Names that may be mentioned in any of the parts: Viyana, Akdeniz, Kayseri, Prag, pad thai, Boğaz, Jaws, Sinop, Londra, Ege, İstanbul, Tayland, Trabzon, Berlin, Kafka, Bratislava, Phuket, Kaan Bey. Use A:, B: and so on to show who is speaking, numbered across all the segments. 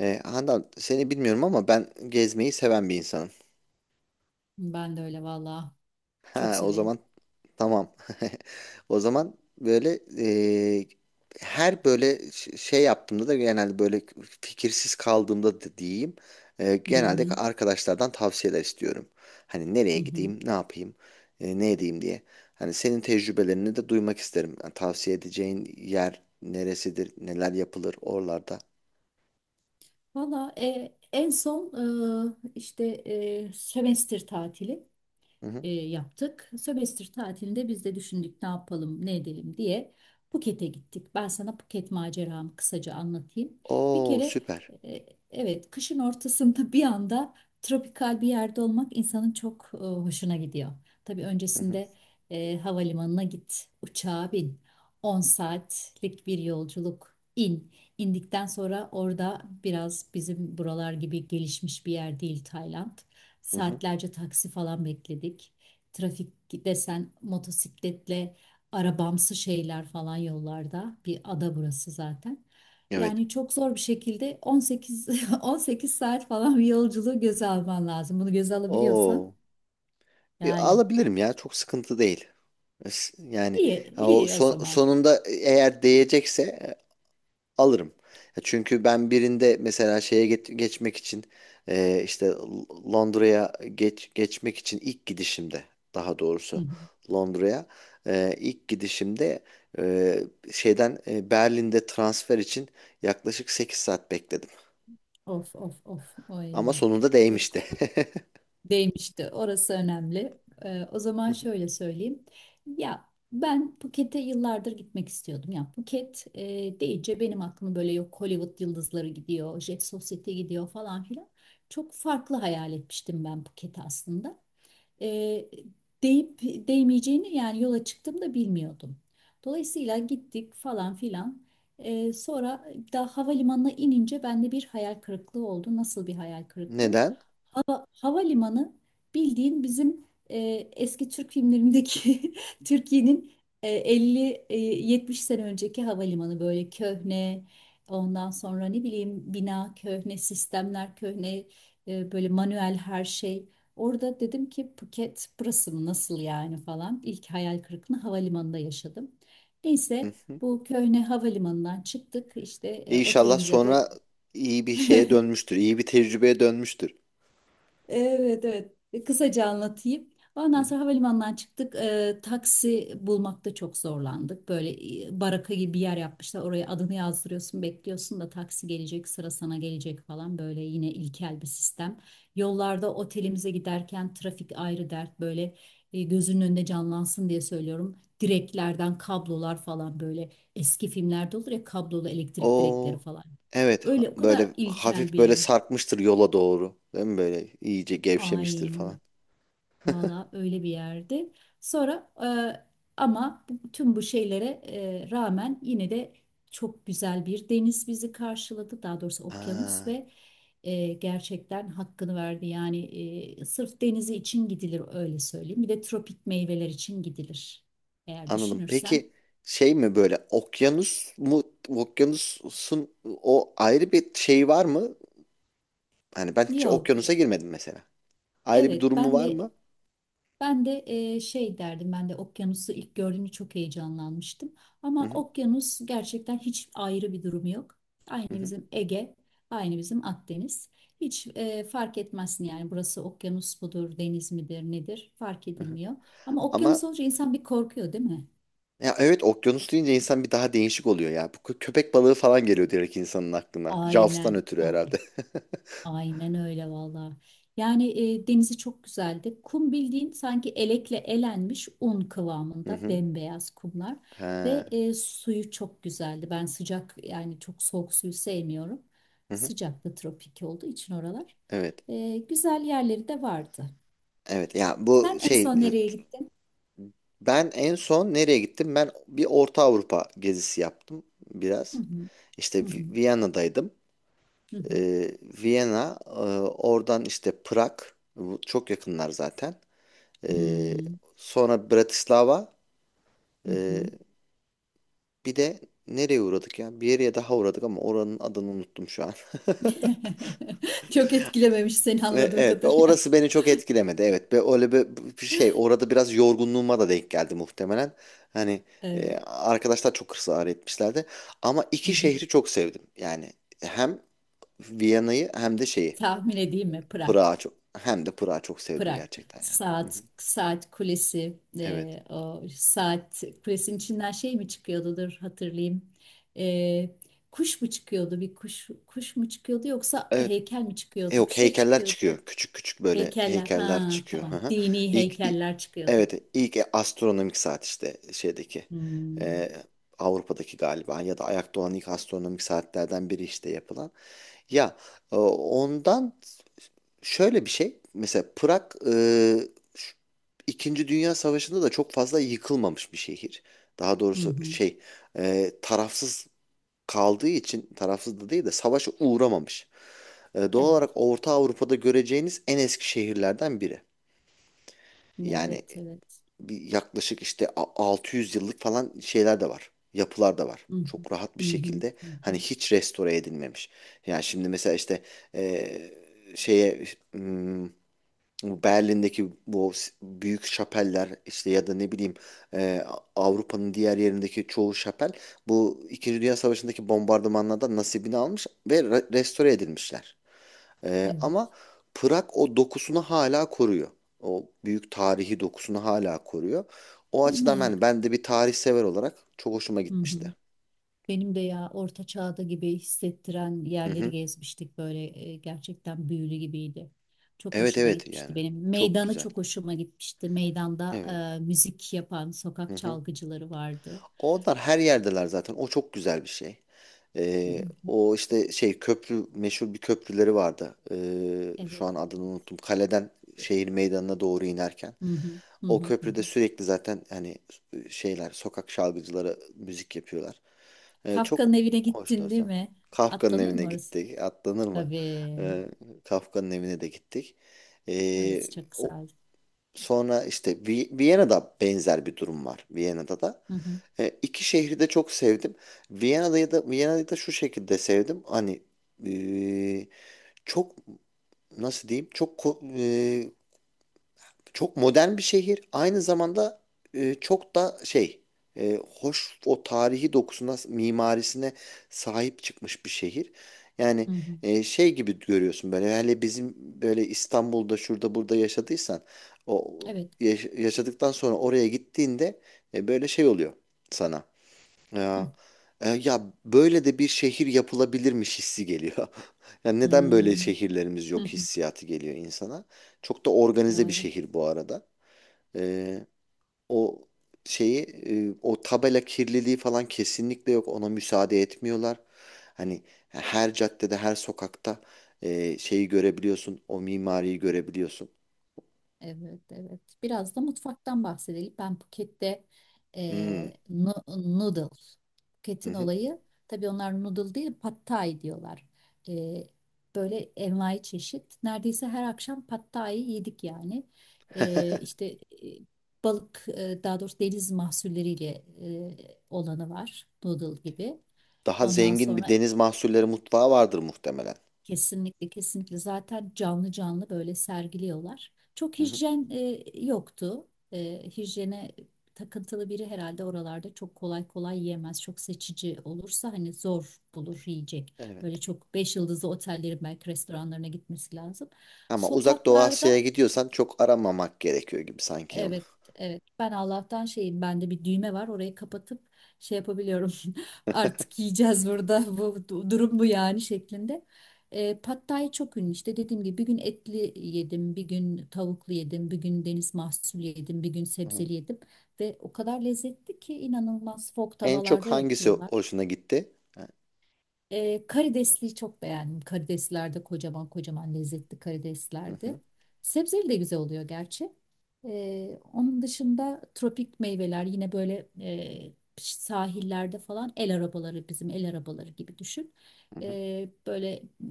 A: Handan seni bilmiyorum ama ben gezmeyi seven bir insanım.
B: Ben de öyle vallahi. Çok
A: Ha, o
B: severim.
A: zaman tamam. O zaman böyle e, her böyle şey yaptığımda da genelde böyle fikirsiz kaldığımda da diyeyim.
B: Hı
A: Genelde
B: hı.
A: arkadaşlardan tavsiyeler istiyorum. Hani
B: Hı.
A: nereye
B: Hı.
A: gideyim, ne yapayım, ne edeyim diye. Hani senin tecrübelerini de duymak isterim. Yani tavsiye edeceğin yer neresidir, neler yapılır oralarda.
B: Valla, en son işte sömestr tatili.
A: Hı hı.
B: Yaptık. Sömestr tatilinde biz de düşündük ne yapalım, ne edelim diye Phuket'e gittik. Ben sana Phuket maceramı kısaca anlatayım. Bir
A: Oo
B: kere,
A: süper.
B: e, evet, kışın ortasında bir anda tropikal bir yerde olmak insanın çok hoşuna gidiyor. Tabii
A: Hı hı.
B: öncesinde havalimanına git, uçağa bin. 10 saatlik bir yolculuk in. İndikten sonra orada biraz bizim buralar gibi gelişmiş bir yer değil Tayland.
A: Hı hı.
B: Saatlerce taksi falan bekledik. Trafik desen motosikletle arabamsı şeyler falan yollarda. Bir ada burası zaten.
A: Evet.
B: Yani çok zor bir şekilde 18 saat falan bir yolculuğu göze alman lazım. Bunu göze alabiliyorsan
A: Oo. E,
B: yani
A: alabilirim ya, çok sıkıntı değil. Yani
B: iyi
A: ha, o
B: iyi o zaman.
A: sonunda eğer değecekse alırım. Ya, çünkü ben birinde mesela şeye geçmek için işte Londra'ya geçmek için ilk gidişimde, daha
B: Hı
A: doğrusu
B: hı.
A: Londra'ya ilk gidişimde, e, şeyden Berlin'de transfer için yaklaşık 8 saat bekledim.
B: Of of of.
A: Ama
B: Oy.
A: sonunda
B: Çok.
A: değmişti.
B: Değmişti. Orası önemli. O zaman şöyle söyleyeyim. Ya ben Phuket'e yıllardır gitmek istiyordum. Ya Phuket deyince benim aklıma böyle, yok Hollywood yıldızları gidiyor, Jet Society gidiyor falan filan. Çok farklı hayal etmiştim ben Phuket'i aslında e, deyip değmeyeceğini yani yola çıktığımda bilmiyordum. Dolayısıyla gittik falan filan. Sonra daha havalimanına inince bende bir hayal kırıklığı oldu. Nasıl bir hayal kırıklığı?
A: Neden?
B: Havalimanı bildiğin bizim e, eski Türk filmlerindeki Türkiye'nin 50 70 sene önceki havalimanı, böyle köhne, ondan sonra ne bileyim, bina köhne, sistemler köhne, böyle manuel her şey. Orada dedim ki Phuket burası mı, nasıl yani falan. İlk hayal kırıklığını havalimanında yaşadım. Neyse, bu köhne havalimanından çıktık işte
A: E, İnşallah
B: otelimize doğru.
A: sonra iyi bir şeye dönmüştür. İyi bir tecrübeye dönmüştür.
B: Evet, evet. Kısaca anlatayım.
A: Hı
B: Ondan
A: hı.
B: sonra havalimanından çıktık. Taksi bulmakta çok zorlandık. Böyle baraka gibi bir yer yapmışlar. Oraya adını yazdırıyorsun, bekliyorsun da taksi gelecek, sıra sana gelecek falan. Böyle yine ilkel bir sistem. Yollarda otelimize giderken trafik ayrı dert. Böyle gözünün önünde canlansın diye söylüyorum. Direklerden kablolar falan, böyle eski filmlerde olur ya, kablolu elektrik direkleri
A: Oo.
B: falan.
A: Evet,
B: Öyle o
A: böyle
B: kadar ilkel
A: hafif
B: bir
A: böyle
B: yer.
A: sarkmıştır yola doğru. Değil mi? Böyle iyice gevşemiştir falan.
B: Aynen. Valla öyle bir yerdi. Sonra, ama tüm bu şeylere rağmen yine de çok güzel bir deniz bizi karşıladı. Daha doğrusu okyanus
A: Ha,
B: ve gerçekten hakkını verdi. Yani sırf denizi için gidilir, öyle söyleyeyim. Bir de tropik meyveler için gidilir, eğer
A: anladım. Peki
B: düşünürsen.
A: şey mi, böyle okyanus mu, okyanusun o ayrı bir şey var mı? Hani ben hiç
B: Yok.
A: okyanusa girmedim mesela. Ayrı bir
B: Evet,
A: durumu
B: ben
A: var
B: de
A: mı?
B: Ben de şey derdim, ben de okyanusu ilk gördüğümde çok heyecanlanmıştım.
A: Hı
B: Ama
A: hı,
B: okyanus gerçekten hiç ayrı bir durumu yok. Aynı
A: hı hı,
B: bizim Ege, aynı bizim Akdeniz. Hiç fark etmezsin yani burası okyanus mudur, deniz midir, nedir, fark
A: hı hı.
B: edilmiyor. Ama okyanus
A: Ama
B: olunca insan bir korkuyor değil mi?
A: ya, evet, okyanus deyince insan bir daha değişik oluyor ya. Bu köpek balığı falan geliyor direkt insanın aklına. Jaws'tan
B: Aynen,
A: ötürü
B: aynen.
A: herhalde.
B: Aynen öyle valla. Yani denizi çok güzeldi. Kum bildiğin sanki elekle elenmiş un
A: Hı
B: kıvamında
A: hı.
B: bembeyaz kumlar ve
A: Ha.
B: suyu çok güzeldi. Ben sıcak, yani çok soğuk suyu sevmiyorum.
A: Hı hı.
B: Sıcaklı tropik olduğu için oralar.
A: Evet.
B: Güzel yerleri de vardı.
A: Evet ya, bu
B: Sen en
A: şey,
B: son nereye gittin?
A: ben en son nereye gittim? Ben bir Orta Avrupa gezisi yaptım
B: Hı
A: biraz.
B: hı,
A: İşte
B: hı hı,
A: Viyana'daydım.
B: hı hı,
A: Viyana, oradan işte Prag, bu çok yakınlar zaten. Ee,
B: hmm,
A: Sonra Bratislava,
B: hı hı.
A: bir de nereye uğradık ya? Bir yere daha uğradık ama oranın adını unuttum şu an.
B: Çok etkilememiş seni anladığım
A: Evet, ve
B: kadarıyla.
A: orası beni çok etkilemedi. Evet, ve öyle bir bir şey, orada biraz yorgunluğuma da denk geldi muhtemelen. Hani
B: Evet.
A: arkadaşlar çok ısrar etmişlerdi. Ama
B: Hı
A: iki
B: hı.
A: şehri çok sevdim. Yani hem Viyana'yı hem de şeyi,
B: Tahmin edeyim mi? Prag.
A: Prag'ı çok, hem de Prag'ı çok sevdim
B: Prag.
A: gerçekten yani. Hı hı.
B: Saat kulesi,
A: Evet.
B: o saat kulesinin içinden şey mi çıkıyordu? Dur hatırlayayım. E, Kuş mu çıkıyordu? Bir kuş mu çıkıyordu yoksa
A: Evet.
B: heykel mi
A: E,
B: çıkıyordu? Bir
A: yok,
B: şey
A: heykeller
B: çıkıyordu ya.
A: çıkıyor. Küçük küçük böyle
B: Heykeller. Ha,
A: heykeller çıkıyor. Hı
B: tamam.
A: hı.
B: Dini
A: İlk, i-
B: heykeller çıkıyordu.
A: evet, ilk astronomik saat işte şeydeki
B: Hmm.
A: e, Avrupa'daki galiba, ya da ayakta olan ilk astronomik saatlerden biri işte yapılan. Ya, ondan şöyle bir şey mesela. Prag şu- İkinci Dünya Savaşı'nda da çok fazla yıkılmamış bir şehir. Daha
B: Hı
A: doğrusu
B: hı.
A: şey, tarafsız kaldığı için, tarafsız da değil de savaşa uğramamış. E, doğal olarak
B: Evet.
A: Orta Avrupa'da göreceğiniz en eski şehirlerden biri. Yani
B: Evet, evet.
A: bir yaklaşık işte 600 yıllık falan şeyler de var. Yapılar da var.
B: Hı hı.
A: Çok rahat bir
B: Hı hı.
A: şekilde,
B: Hı hı.
A: hani hiç restore edilmemiş. Yani şimdi mesela işte şeye, hmm, bu Berlin'deki bu büyük şapeller işte, ya da ne bileyim, e, Avrupa'nın diğer yerindeki çoğu şapel bu İkinci Dünya Savaşı'ndaki bombardımanlardan nasibini almış ve restore edilmişler.
B: Evet.
A: Ama Prag o dokusunu hala koruyor. O büyük tarihi dokusunu hala koruyor. O
B: Değil
A: açıdan
B: mi?
A: ben, de bir tarih sever olarak çok hoşuma
B: Hı hı.
A: gitmişti.
B: Benim de, ya orta çağda gibi hissettiren
A: Hı
B: yerleri
A: hı.
B: gezmiştik böyle, gerçekten büyülü gibiydi. Çok
A: Evet,
B: hoşuma
A: evet
B: gitmişti
A: yani.
B: benim.
A: Çok
B: Meydanı
A: güzel.
B: çok hoşuma gitmişti. Meydanda
A: Evet.
B: müzik yapan
A: Hı
B: sokak
A: hı.
B: çalgıcıları vardı.
A: Onlar her yerdeler zaten. O çok güzel bir şey.
B: Hı hı.
A: O işte şey, köprü, meşhur bir köprüleri vardı. Şu
B: Evet.
A: an adını unuttum. Kaleden
B: Evet.
A: şehir meydanına doğru inerken.
B: Hı hı, hı
A: O
B: hı, hı
A: köprüde
B: hı.
A: sürekli zaten hani şeyler, sokak şarkıcıları müzik yapıyorlar. Çok
B: Kafka'nın evine
A: hoştu
B: gittin değil
A: ortam.
B: mi?
A: Kafka'nın
B: Atlanır
A: evine
B: mı orası?
A: gittik. Atlanır mı?
B: Tabii.
A: Ee, Kafka'nın evine de gittik. Ee,
B: Orası çok
A: O,
B: güzel.
A: sonra işte Viyana'da benzer bir durum var. Viyana'da da.
B: Hı hı,
A: İki şehri de çok sevdim. Viyana'da da, Viyana'yı da şu şekilde sevdim. Hani ee, çok, nasıl diyeyim? Çok çok modern bir şehir. Aynı zamanda çok da şey, hoş, o tarihi dokusuna, mimarisine sahip çıkmış bir şehir. Yani
B: hı hı.
A: şey gibi görüyorsun, böyle hele bizim böyle İstanbul'da şurada burada yaşadıysan, o
B: Evet.
A: yaşadıktan sonra oraya gittiğinde böyle şey oluyor sana.
B: Hı.
A: Ya, ya böyle de bir şehir yapılabilirmiş hissi geliyor. Yani neden böyle
B: Hmm.
A: şehirlerimiz yok hissiyatı geliyor insana. Çok da organize bir
B: Doğru.
A: şehir bu arada. E, O şeyi, o tabela kirliliği falan kesinlikle yok. Ona müsaade etmiyorlar. Hani her caddede, her sokakta şeyi görebiliyorsun, o mimariyi görebiliyorsun.
B: Evet, evet. Biraz da mutfaktan bahsedelim. Ben Phuket'te
A: Hmm,
B: noodle.
A: hı
B: Phuket'in
A: hı.
B: olayı, tabii onlar noodle değil pad thai diyorlar. Eee, Böyle envai çeşit. Neredeyse her akşam pad thai yedik yani. İşte, balık, daha doğrusu deniz mahsulleriyle olanı var. Noodle gibi.
A: Daha
B: Ondan
A: zengin bir
B: sonra,
A: deniz mahsulleri mutfağı vardır muhtemelen.
B: kesinlikle, kesinlikle zaten canlı canlı böyle sergiliyorlar. Çok
A: Hı hı.
B: hijyen yoktu. Hijyene takıntılı biri herhalde oralarda çok kolay kolay yiyemez. Çok seçici olursa hani zor bulur yiyecek.
A: Evet.
B: Böyle çok 5 yıldızlı otellerin belki restoranlarına gitmesi lazım.
A: Ama uzak Doğu
B: Sokaklarda.
A: Asya'ya gidiyorsan çok aramamak gerekiyor gibi sanki onu.
B: Evet, evet. Ben Allah'tan şeyim, bende bir düğme var. Orayı kapatıp şey yapabiliyorum. Artık yiyeceğiz burada. Bu durum bu yani şeklinde. Pad Thai çok ünlü. İşte dediğim gibi bir gün etli yedim, bir gün tavuklu yedim, bir gün deniz mahsulü yedim, bir gün
A: Hı hı.
B: sebzeli yedim ve o kadar lezzetli ki inanılmaz. Fok
A: En çok
B: tavalarda
A: hangisi
B: yapıyorlar.
A: hoşuna gitti? Ha,
B: Karidesliği çok beğendim. Karideslerde kocaman kocaman lezzetli
A: hı
B: karideslerdi.
A: hı,
B: Sebzeli de güzel oluyor gerçi. Onun dışında tropik meyveler yine böyle, sahillerde falan el arabaları, bizim el arabaları gibi düşün.
A: hı hı.
B: Böyle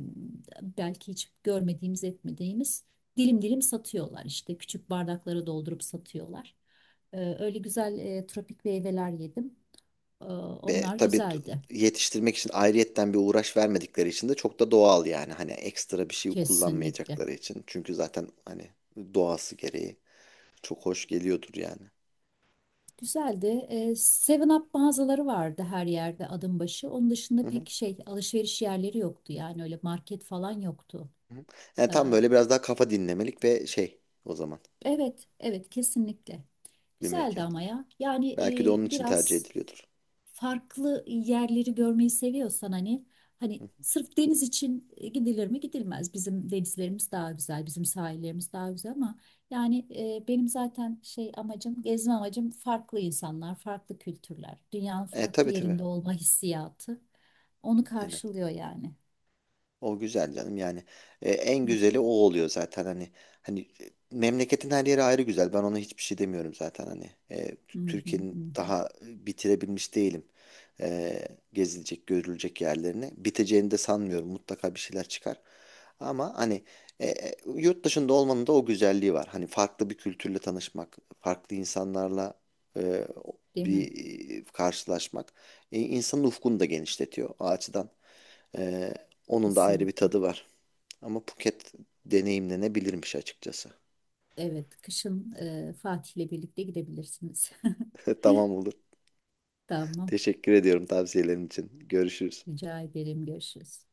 B: belki hiç görmediğimiz etmediğimiz dilim dilim satıyorlar, işte küçük bardaklara doldurup satıyorlar. Öyle güzel tropik meyveler yedim.
A: Ve
B: Onlar
A: tabii
B: güzeldi
A: yetiştirmek için ayrıyetten bir uğraş vermedikleri için de çok da doğal yani. Hani ekstra bir şey
B: kesinlikle.
A: kullanmayacakları için. Çünkü zaten hani doğası gereği çok hoş geliyordur yani.
B: Güzeldi. Seven Up mağazaları vardı her yerde adım başı. Onun
A: Hı
B: dışında
A: hı,
B: pek şey alışveriş yerleri yoktu yani, öyle market falan yoktu.
A: hı hı. Yani
B: E,
A: tam böyle biraz daha kafa dinlemelik ve şey, o zaman
B: evet, evet kesinlikle.
A: bir
B: Güzeldi
A: mekan.
B: ama ya. Yani
A: Belki de onun için tercih
B: biraz
A: ediliyordur.
B: farklı yerleri görmeyi seviyorsan, hani
A: Hı.
B: sırf deniz için gidilir mi? Gidilmez. Bizim denizlerimiz daha güzel, bizim sahillerimiz daha güzel ama yani, benim zaten şey amacım, gezme amacım farklı insanlar, farklı kültürler, dünyanın
A: E
B: farklı
A: tabii, tabii.
B: yerinde olma hissiyatı. Onu
A: Aynen.
B: karşılıyor yani.
A: O güzel canım yani. E, en
B: Hı hı,
A: güzeli o oluyor zaten hani, memleketin her yeri ayrı güzel, ben ona hiçbir şey demiyorum zaten hani. E,
B: hı hı, hı
A: Türkiye'nin
B: hı.
A: daha bitirebilmiş değilim E, gezilecek görülecek yerlerini, biteceğini de sanmıyorum, mutlaka bir şeyler çıkar ama hani yurt dışında olmanın da o güzelliği var, hani farklı bir kültürle tanışmak, farklı insanlarla e,
B: Değil mi?
A: bir karşılaşmak, insanın ufkunu da genişletiyor o açıdan. Ee, Onun da ayrı bir
B: Kesinlikle.
A: tadı var. Ama Phuket deneyimlenebilirmiş açıkçası.
B: Evet, kışın, Fatih'le birlikte gidebilirsiniz.
A: Tamam, olur.
B: Tamam.
A: Teşekkür ediyorum tavsiyelerin için. Görüşürüz.
B: Rica ederim. Görüşürüz.